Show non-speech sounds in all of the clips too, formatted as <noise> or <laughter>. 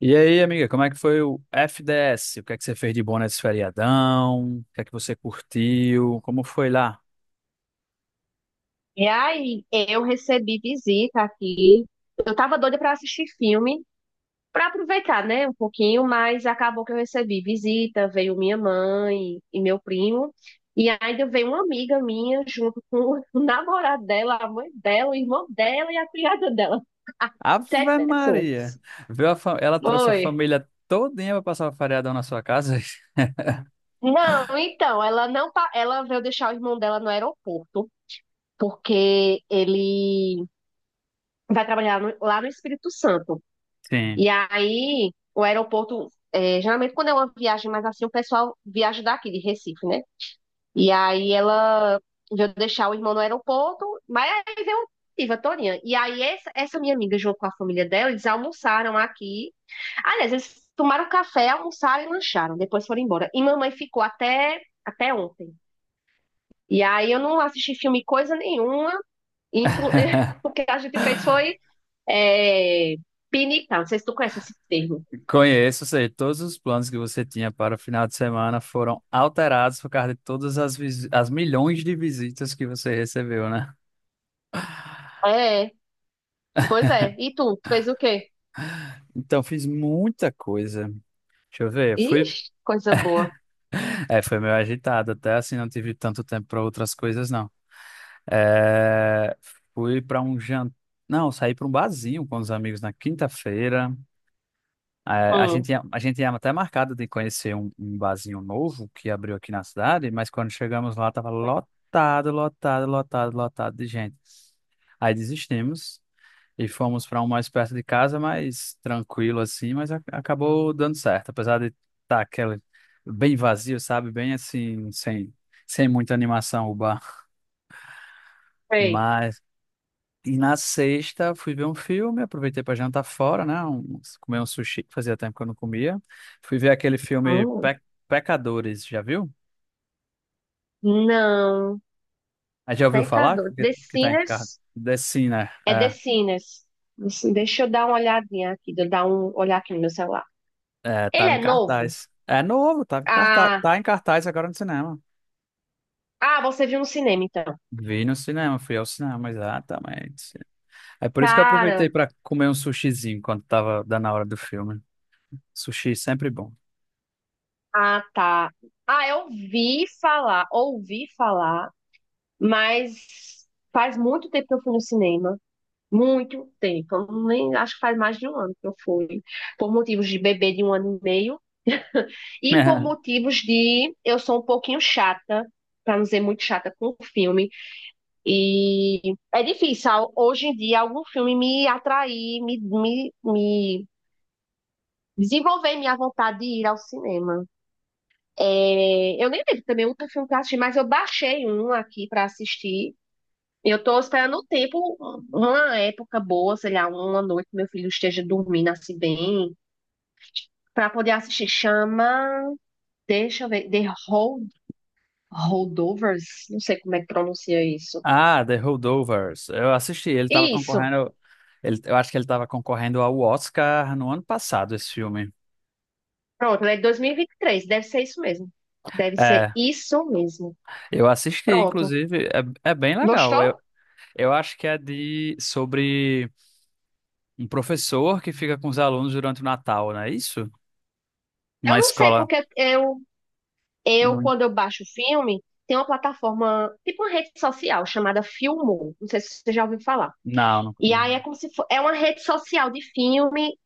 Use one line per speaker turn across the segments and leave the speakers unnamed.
E aí, amiga, como é que foi o FDS? O que é que você fez de bom nesse feriadão? O que é que você curtiu? Como foi lá?
E aí, eu recebi visita aqui. Eu tava doida pra assistir filme, pra aproveitar, né, um pouquinho, mas acabou que eu recebi visita, veio minha mãe e meu primo, e ainda veio uma amiga minha junto com o <laughs> namorado dela, a mãe dela, o irmão dela e a criada dela. Sete
Ave
pessoas.
Maria! Ela trouxe a
Oi.
família todinha para passar o feriadão na sua casa? <laughs>
Não, então, ela não, ela veio deixar o irmão dela no aeroporto, porque ele vai trabalhar lá no Espírito Santo.
Sim.
E aí, o aeroporto, geralmente quando é uma viagem mais assim, o pessoal viaja daqui, de Recife, né? E aí ela veio deixar o irmão no aeroporto, mas aí veio a Torinha. E aí essa minha amiga, junto com a família dela, eles almoçaram aqui. Aliás, eles tomaram café, almoçaram e lancharam, depois foram embora. E mamãe ficou até ontem. E aí eu não assisti filme coisa nenhuma, inclu... <laughs> o
<laughs>
que a gente fez foi é, pinicar, não sei se tu conhece esse termo.
Conheço, sei, todos os planos que você tinha para o final de semana foram alterados por causa de todas as milhões de visitas que você recebeu, né?
É, pois é. E tu? Tu fez o quê?
Então, fiz muita coisa. Deixa eu ver,
Ixi, coisa boa.
<laughs> foi meio agitado, até assim, não tive tanto tempo para outras coisas, não. É, fui para um jantar. Não, saí para um barzinho com os amigos na quinta-feira. É,
Hum,
a gente tinha até marcado de conhecer um barzinho novo que abriu aqui na cidade, mas quando chegamos lá estava lotado, lotado, lotado, lotado de gente. Aí desistimos e fomos para um mais perto de casa, mais tranquilo assim, mas acabou dando certo, apesar de estar aquele bem vazio, sabe? Bem assim, sem muita animação o bar.
sei.
Mas E na sexta fui ver um filme, aproveitei para jantar fora, né? Comer um sushi, que fazia tempo que eu não comia. Fui ver aquele filme
Hum,
Pe- Pecadores, já viu?
não.
Ah, já ouviu falar?
Pecador. The
Que tá em cartaz.
Sinners?
Sim, né?
É The
É,
Sinners. Assim, deixa eu dar uma olhadinha aqui. Deixa eu dar um olhar aqui no meu celular.
é,
Ele
tava em
é novo?
cartaz. É novo, tava em cartaz,
Ah,
tá em cartaz agora no cinema.
ah, você viu no cinema, então.
Vi no cinema, fui ao cinema, exatamente. É por isso que eu
Cara,
aproveitei para comer um sushizinho quando tava dando a hora do filme. Sushi sempre bom.
ah, tá. Ah, eu ouvi falar, mas faz muito tempo que eu fui no cinema. Muito tempo. Eu nem, acho que faz mais de um ano que eu fui. Por motivos de bebê de 1 ano e meio. <laughs> E por
<laughs>
motivos de eu sou um pouquinho chata, para não dizer muito chata com o filme. E é difícil hoje em dia algum filme me atrair, me desenvolver minha vontade de ir ao cinema. É, eu nem lembro também outro filme que eu assisti, mas eu baixei um aqui para assistir. Eu estou esperando o tempo, uma época boa, sei lá, uma noite que meu filho esteja dormindo assim bem, para poder assistir. Chama, deixa eu ver, Holdovers, não sei como é que pronuncia isso.
Ah, The Holdovers. Eu assisti, ele estava
Isso,
concorrendo. Eu acho que ele estava concorrendo ao Oscar no ano passado, esse filme.
pronto, é de 2023. Deve ser isso mesmo. Deve ser
É,
isso mesmo.
eu assisti,
Pronto.
inclusive, é bem legal.
Gostou?
Eu acho que é de sobre um professor que fica com os alunos durante o Natal, não é isso? Numa
Eu não sei
escola.
porque eu
Não,
quando eu baixo filme, tem uma plataforma, tipo uma rede social chamada Filmou. Não sei se você já ouviu falar.
não, não.
E aí é como se fo- é uma rede social de filme,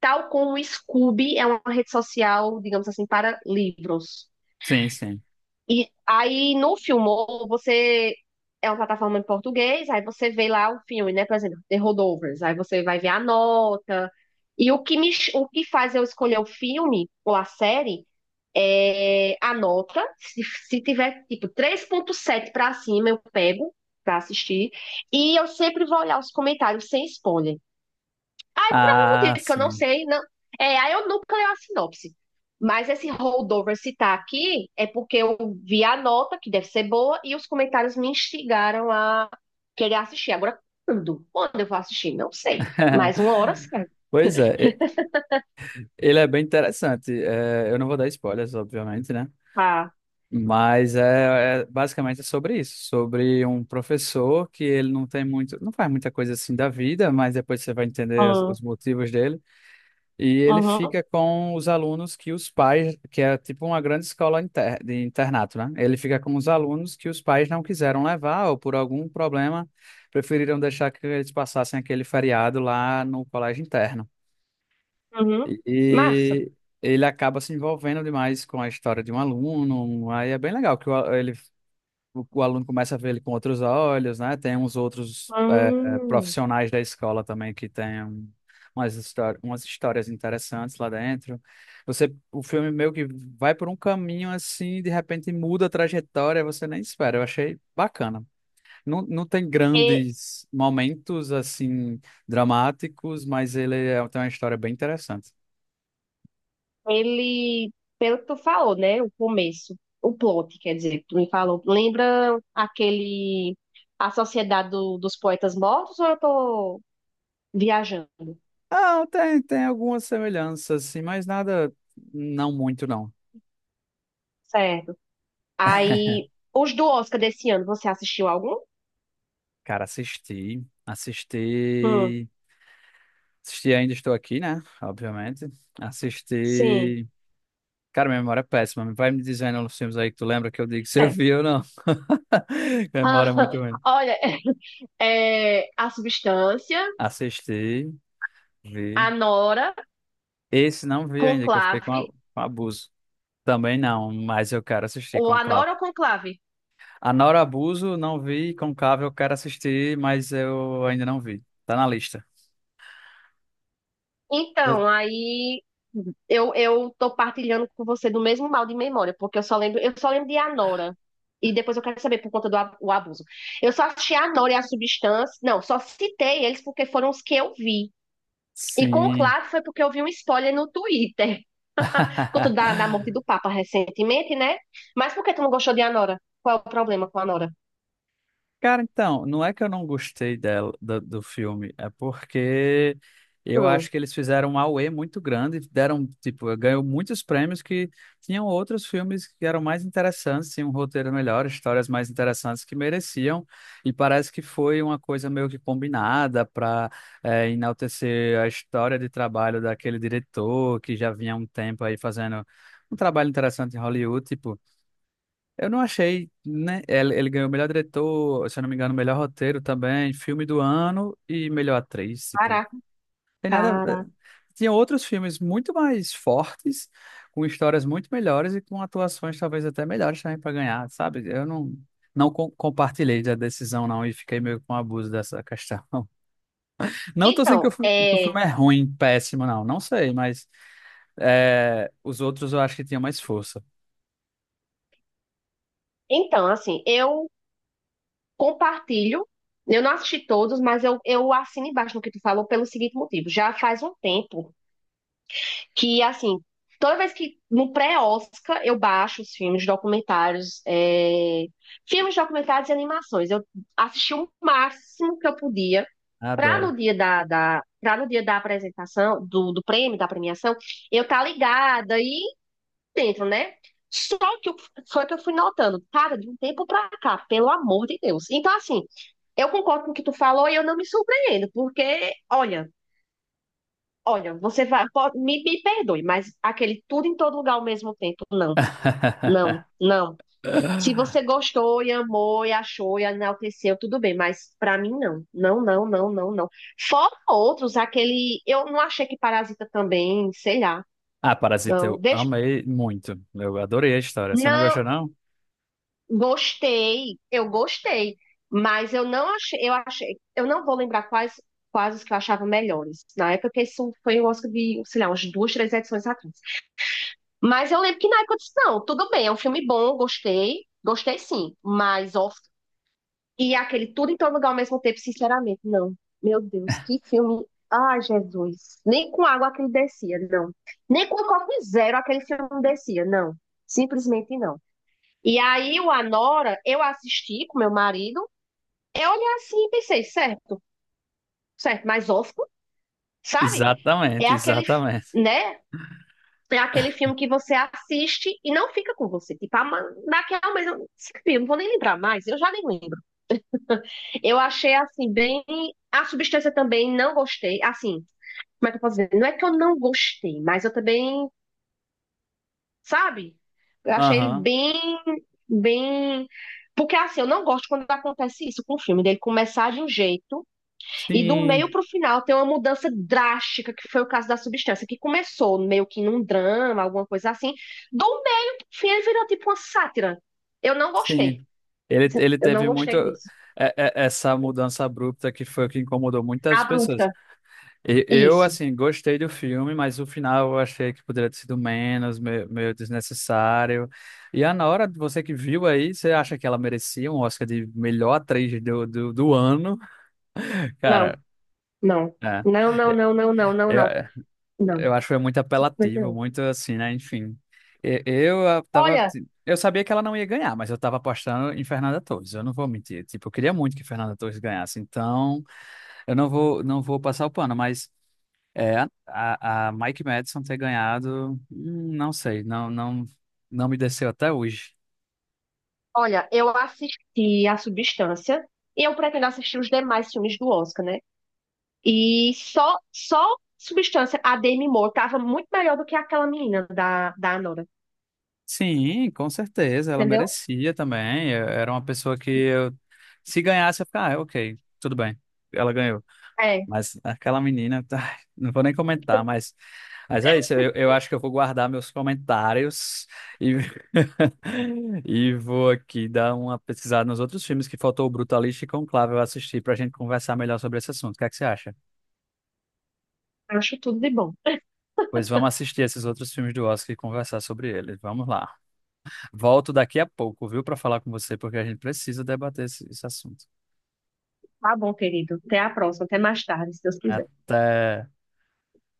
tal como o Scoob é uma rede social, digamos assim, para livros.
Sim, sim.
E aí no Filmou, você é uma plataforma em português, aí você vê lá o filme, né? Por exemplo, The Holdovers, aí você vai ver a nota. E o que faz eu escolher o filme ou a série é a nota. Se tiver tipo 3,7 para cima, eu pego para assistir. E eu sempre vou olhar os comentários sem spoiler. Aí, por algum
Ah,
motivo que eu não
sim.
sei, não. É, aí eu nunca leio a sinopse. Mas esse holdover citar aqui é porque eu vi a nota, que deve ser boa, e os comentários me instigaram a querer assistir. Agora, quando? Quando eu vou assistir? Não sei. Mas uma hora
<laughs>
certa.
Pois é, ele é bem interessante. É, eu não vou dar spoilers, obviamente, né?
Ah,
Mas basicamente é sobre isso, sobre um professor que ele não tem muito, não faz muita coisa assim da vida, mas depois você vai entender
ah,
os motivos dele. E ele
aham,
fica com os alunos que os pais, que é tipo uma grande escola de internato, né? Ele fica com os alunos que os pais não quiseram levar ou por algum problema preferiram deixar que eles passassem aquele feriado lá no colégio interno.
uhum, massa.
E, Ele acaba se envolvendo demais com a história de um aluno. Aí é bem legal que o aluno começa a ver ele com outros olhos, né? Tem uns outros
Hum.
profissionais da escola também que têm umas histórias interessantes lá dentro. O filme meio que vai por um caminho assim, de repente muda a trajetória, você nem espera. Eu achei bacana. Não, não tem
E
grandes momentos assim dramáticos, mas tem uma história bem interessante.
ele, pelo que tu falou, né? O começo, o plot, quer dizer, que tu me falou. Lembra aquele A Sociedade dos Poetas Mortos ou eu tô viajando?
Ah, tem, tem algumas semelhanças, assim, mas nada, não muito, não.
Certo. Aí, os do Oscar desse ano, você assistiu algum?
Cara,
Hum,
assisti Ainda Estou Aqui, né? Obviamente.
sim.
Assisti. Cara, minha memória é péssima. Vai me dizendo os filmes aí que tu lembra que eu digo se eu
É.
vi ou não. <laughs> Minha memória é muito
<laughs>
ruim.
Olha, a substância,
Assisti, vi.
a Nora,
Esse não vi ainda, que eu
conclave,
fiquei com abuso. Também não, mas eu quero assistir
ou
com
a
Conclave.
Nora ou conclave?
A Nora Abuso não vi, Conclave eu quero assistir, mas eu ainda não vi. Tá na lista.
Então, aí eu tô partilhando com você do mesmo mal de memória, porque eu só lembro de Anora. E depois eu quero saber por conta do a- o abuso. Eu só assisti a Anora e a Substância. Não, só citei eles porque foram os que eu vi. E com o
Sim.
Claro foi porque eu vi um spoiler no Twitter. <laughs> Por conta da morte do
<laughs>
Papa recentemente, né? Mas por que tu não gostou de Anora? Qual é o problema com a Anora?
Cara, então, não é que eu não gostei dela, do filme, é porque eu acho
Hum,
que eles fizeram um auê muito grande, deram, tipo, ganhou muitos prêmios que tinham outros filmes que eram mais interessantes, tinham um roteiro melhor, histórias mais interessantes que mereciam, e parece que foi uma coisa meio que combinada para enaltecer a história de trabalho daquele diretor que já vinha há um tempo aí fazendo um trabalho interessante em Hollywood, tipo. Eu não achei, né? Ele ganhou o melhor diretor, se eu não me engano, o melhor roteiro também, filme do ano e melhor atriz. Tipo,
caraca,
tem nada.
cara.
Tinha outros filmes muito mais fortes, com histórias muito melhores e com atuações talvez até melhores também para ganhar, sabe? Eu não, não com- Compartilhei da decisão, não, e fiquei meio com abuso dessa questão. <laughs> Não tô dizendo
Então,
que o
é,
filme é ruim, péssimo, não. Não sei, mas os outros eu acho que tinham mais força.
então, assim, eu compartilho. Eu não assisti todos, mas eu assino embaixo no que tu falou pelo seguinte motivo. Já faz um tempo que, assim, toda vez que no pré-Oscar eu baixo os filmes, documentários, e animações. Eu assisti o máximo que eu podia
Adoro.
para no dia da apresentação, do prêmio, da premiação, eu tá ligada. E dentro, né? Só que eu, só que eu fui notando, cara, de um tempo pra cá, pelo amor de Deus. Então, assim, eu concordo com o que tu falou e eu não me surpreendo, porque, olha, olha, você vai, me perdoe, mas aquele tudo em todo lugar ao mesmo tempo, não,
<laughs>
não, não. Se você gostou e amou e achou e enalteceu, tudo bem, mas pra mim não. Não, não, não, não, não. Fora outros, aquele. Eu não achei que Parasita também, sei lá.
Ah, Parasita,
Não,
eu
deixa.
amei muito. Eu adorei a história. Você não
Não,
gostou, não?
gostei, eu gostei, mas eu não achei, eu achei, eu não vou lembrar quais, os que eu achava melhores. Na época, porque isso foi o Oscar de, sei lá, umas duas, três edições atrás. Mas eu lembro que na época eu disse, não, tudo bem, é um filme bom, gostei, gostei sim, mas Oscar. E aquele tudo em todo lugar ao mesmo tempo, sinceramente, não. Meu Deus, que filme. Ai, Jesus. Nem com água aquele descia, não. Nem com o copo zero aquele filme descia, não. Simplesmente não. E aí o Anora, eu assisti com meu marido, eu olhei assim e pensei, certo, certo, mas Oscar, sabe? É
Exatamente,
aquele,
exatamente.
né? É aquele filme que você assiste e não fica com você. Tipo, ah, mas daqui a um mês, esse filme, não vou nem lembrar mais, eu já nem lembro. Eu achei, assim, bem. A substância também não gostei, assim, como é que eu posso dizer? Não é que eu não gostei, mas eu também, sabe? Eu achei ele
Aham.
bem, bem. Porque, assim, eu não gosto quando acontece isso com o filme, dele começar de um jeito e do meio
Sim,
pro final tem uma mudança drástica, que foi o caso da substância, que começou meio que num drama, alguma coisa assim. Do meio pro fim ele virou tipo uma sátira. Eu não
sim.
gostei.
Ele
Eu não
teve muito
gostei disso.
essa mudança abrupta que foi o que incomodou muitas pessoas.
Abrupta.
Eu
Isso.
assim, gostei do filme, mas o final eu achei que poderia ter sido menos, meio, meio desnecessário. E a Nora, você que viu aí, você acha que ela merecia um Oscar de melhor atriz do ano? <laughs>
Não,
Cara,
não.
é.
Não, não, não, não, não, não,
É,
não.
é,
Não.
Eu acho que foi muito
Simplesmente
apelativo,
não.
muito assim, né? Enfim. Tava.
Olha,
Eu sabia que ela não ia ganhar, mas eu tava apostando em Fernanda Torres. Eu não vou mentir. Tipo, eu queria muito que Fernanda Torres ganhasse. Então, eu não vou, não vou passar o pano, mas é, a Mike Madison ter ganhado, não sei, não, não me desceu até hoje.
olha, eu assisti a substância e eu pretendo assistir os demais filmes do Oscar, né? E só, só Substância, a Demi Moore, tava muito melhor do que aquela menina da Anora.
Sim, com certeza, ela
Entendeu?
merecia também. Era uma pessoa que, se ganhasse, eu ficava, ah, ok, tudo bem. Ela ganhou.
É,
Mas aquela menina, ai, <laughs> não vou nem comentar, mas é isso. Eu acho que eu vou guardar meus comentários e, <laughs> e vou aqui dar uma pesquisada nos outros filmes que faltou o Brutalista e Conclave eu assistir para a gente conversar melhor sobre esse assunto. O que é que você acha?
acho tudo de bom.
Pois vamos assistir esses outros filmes do Oscar e conversar sobre eles. Vamos lá. Volto daqui a pouco, viu, para falar com você, porque a gente precisa debater esse assunto.
Tá bom, querido. Até a próxima, até mais tarde, se Deus quiser.
Até.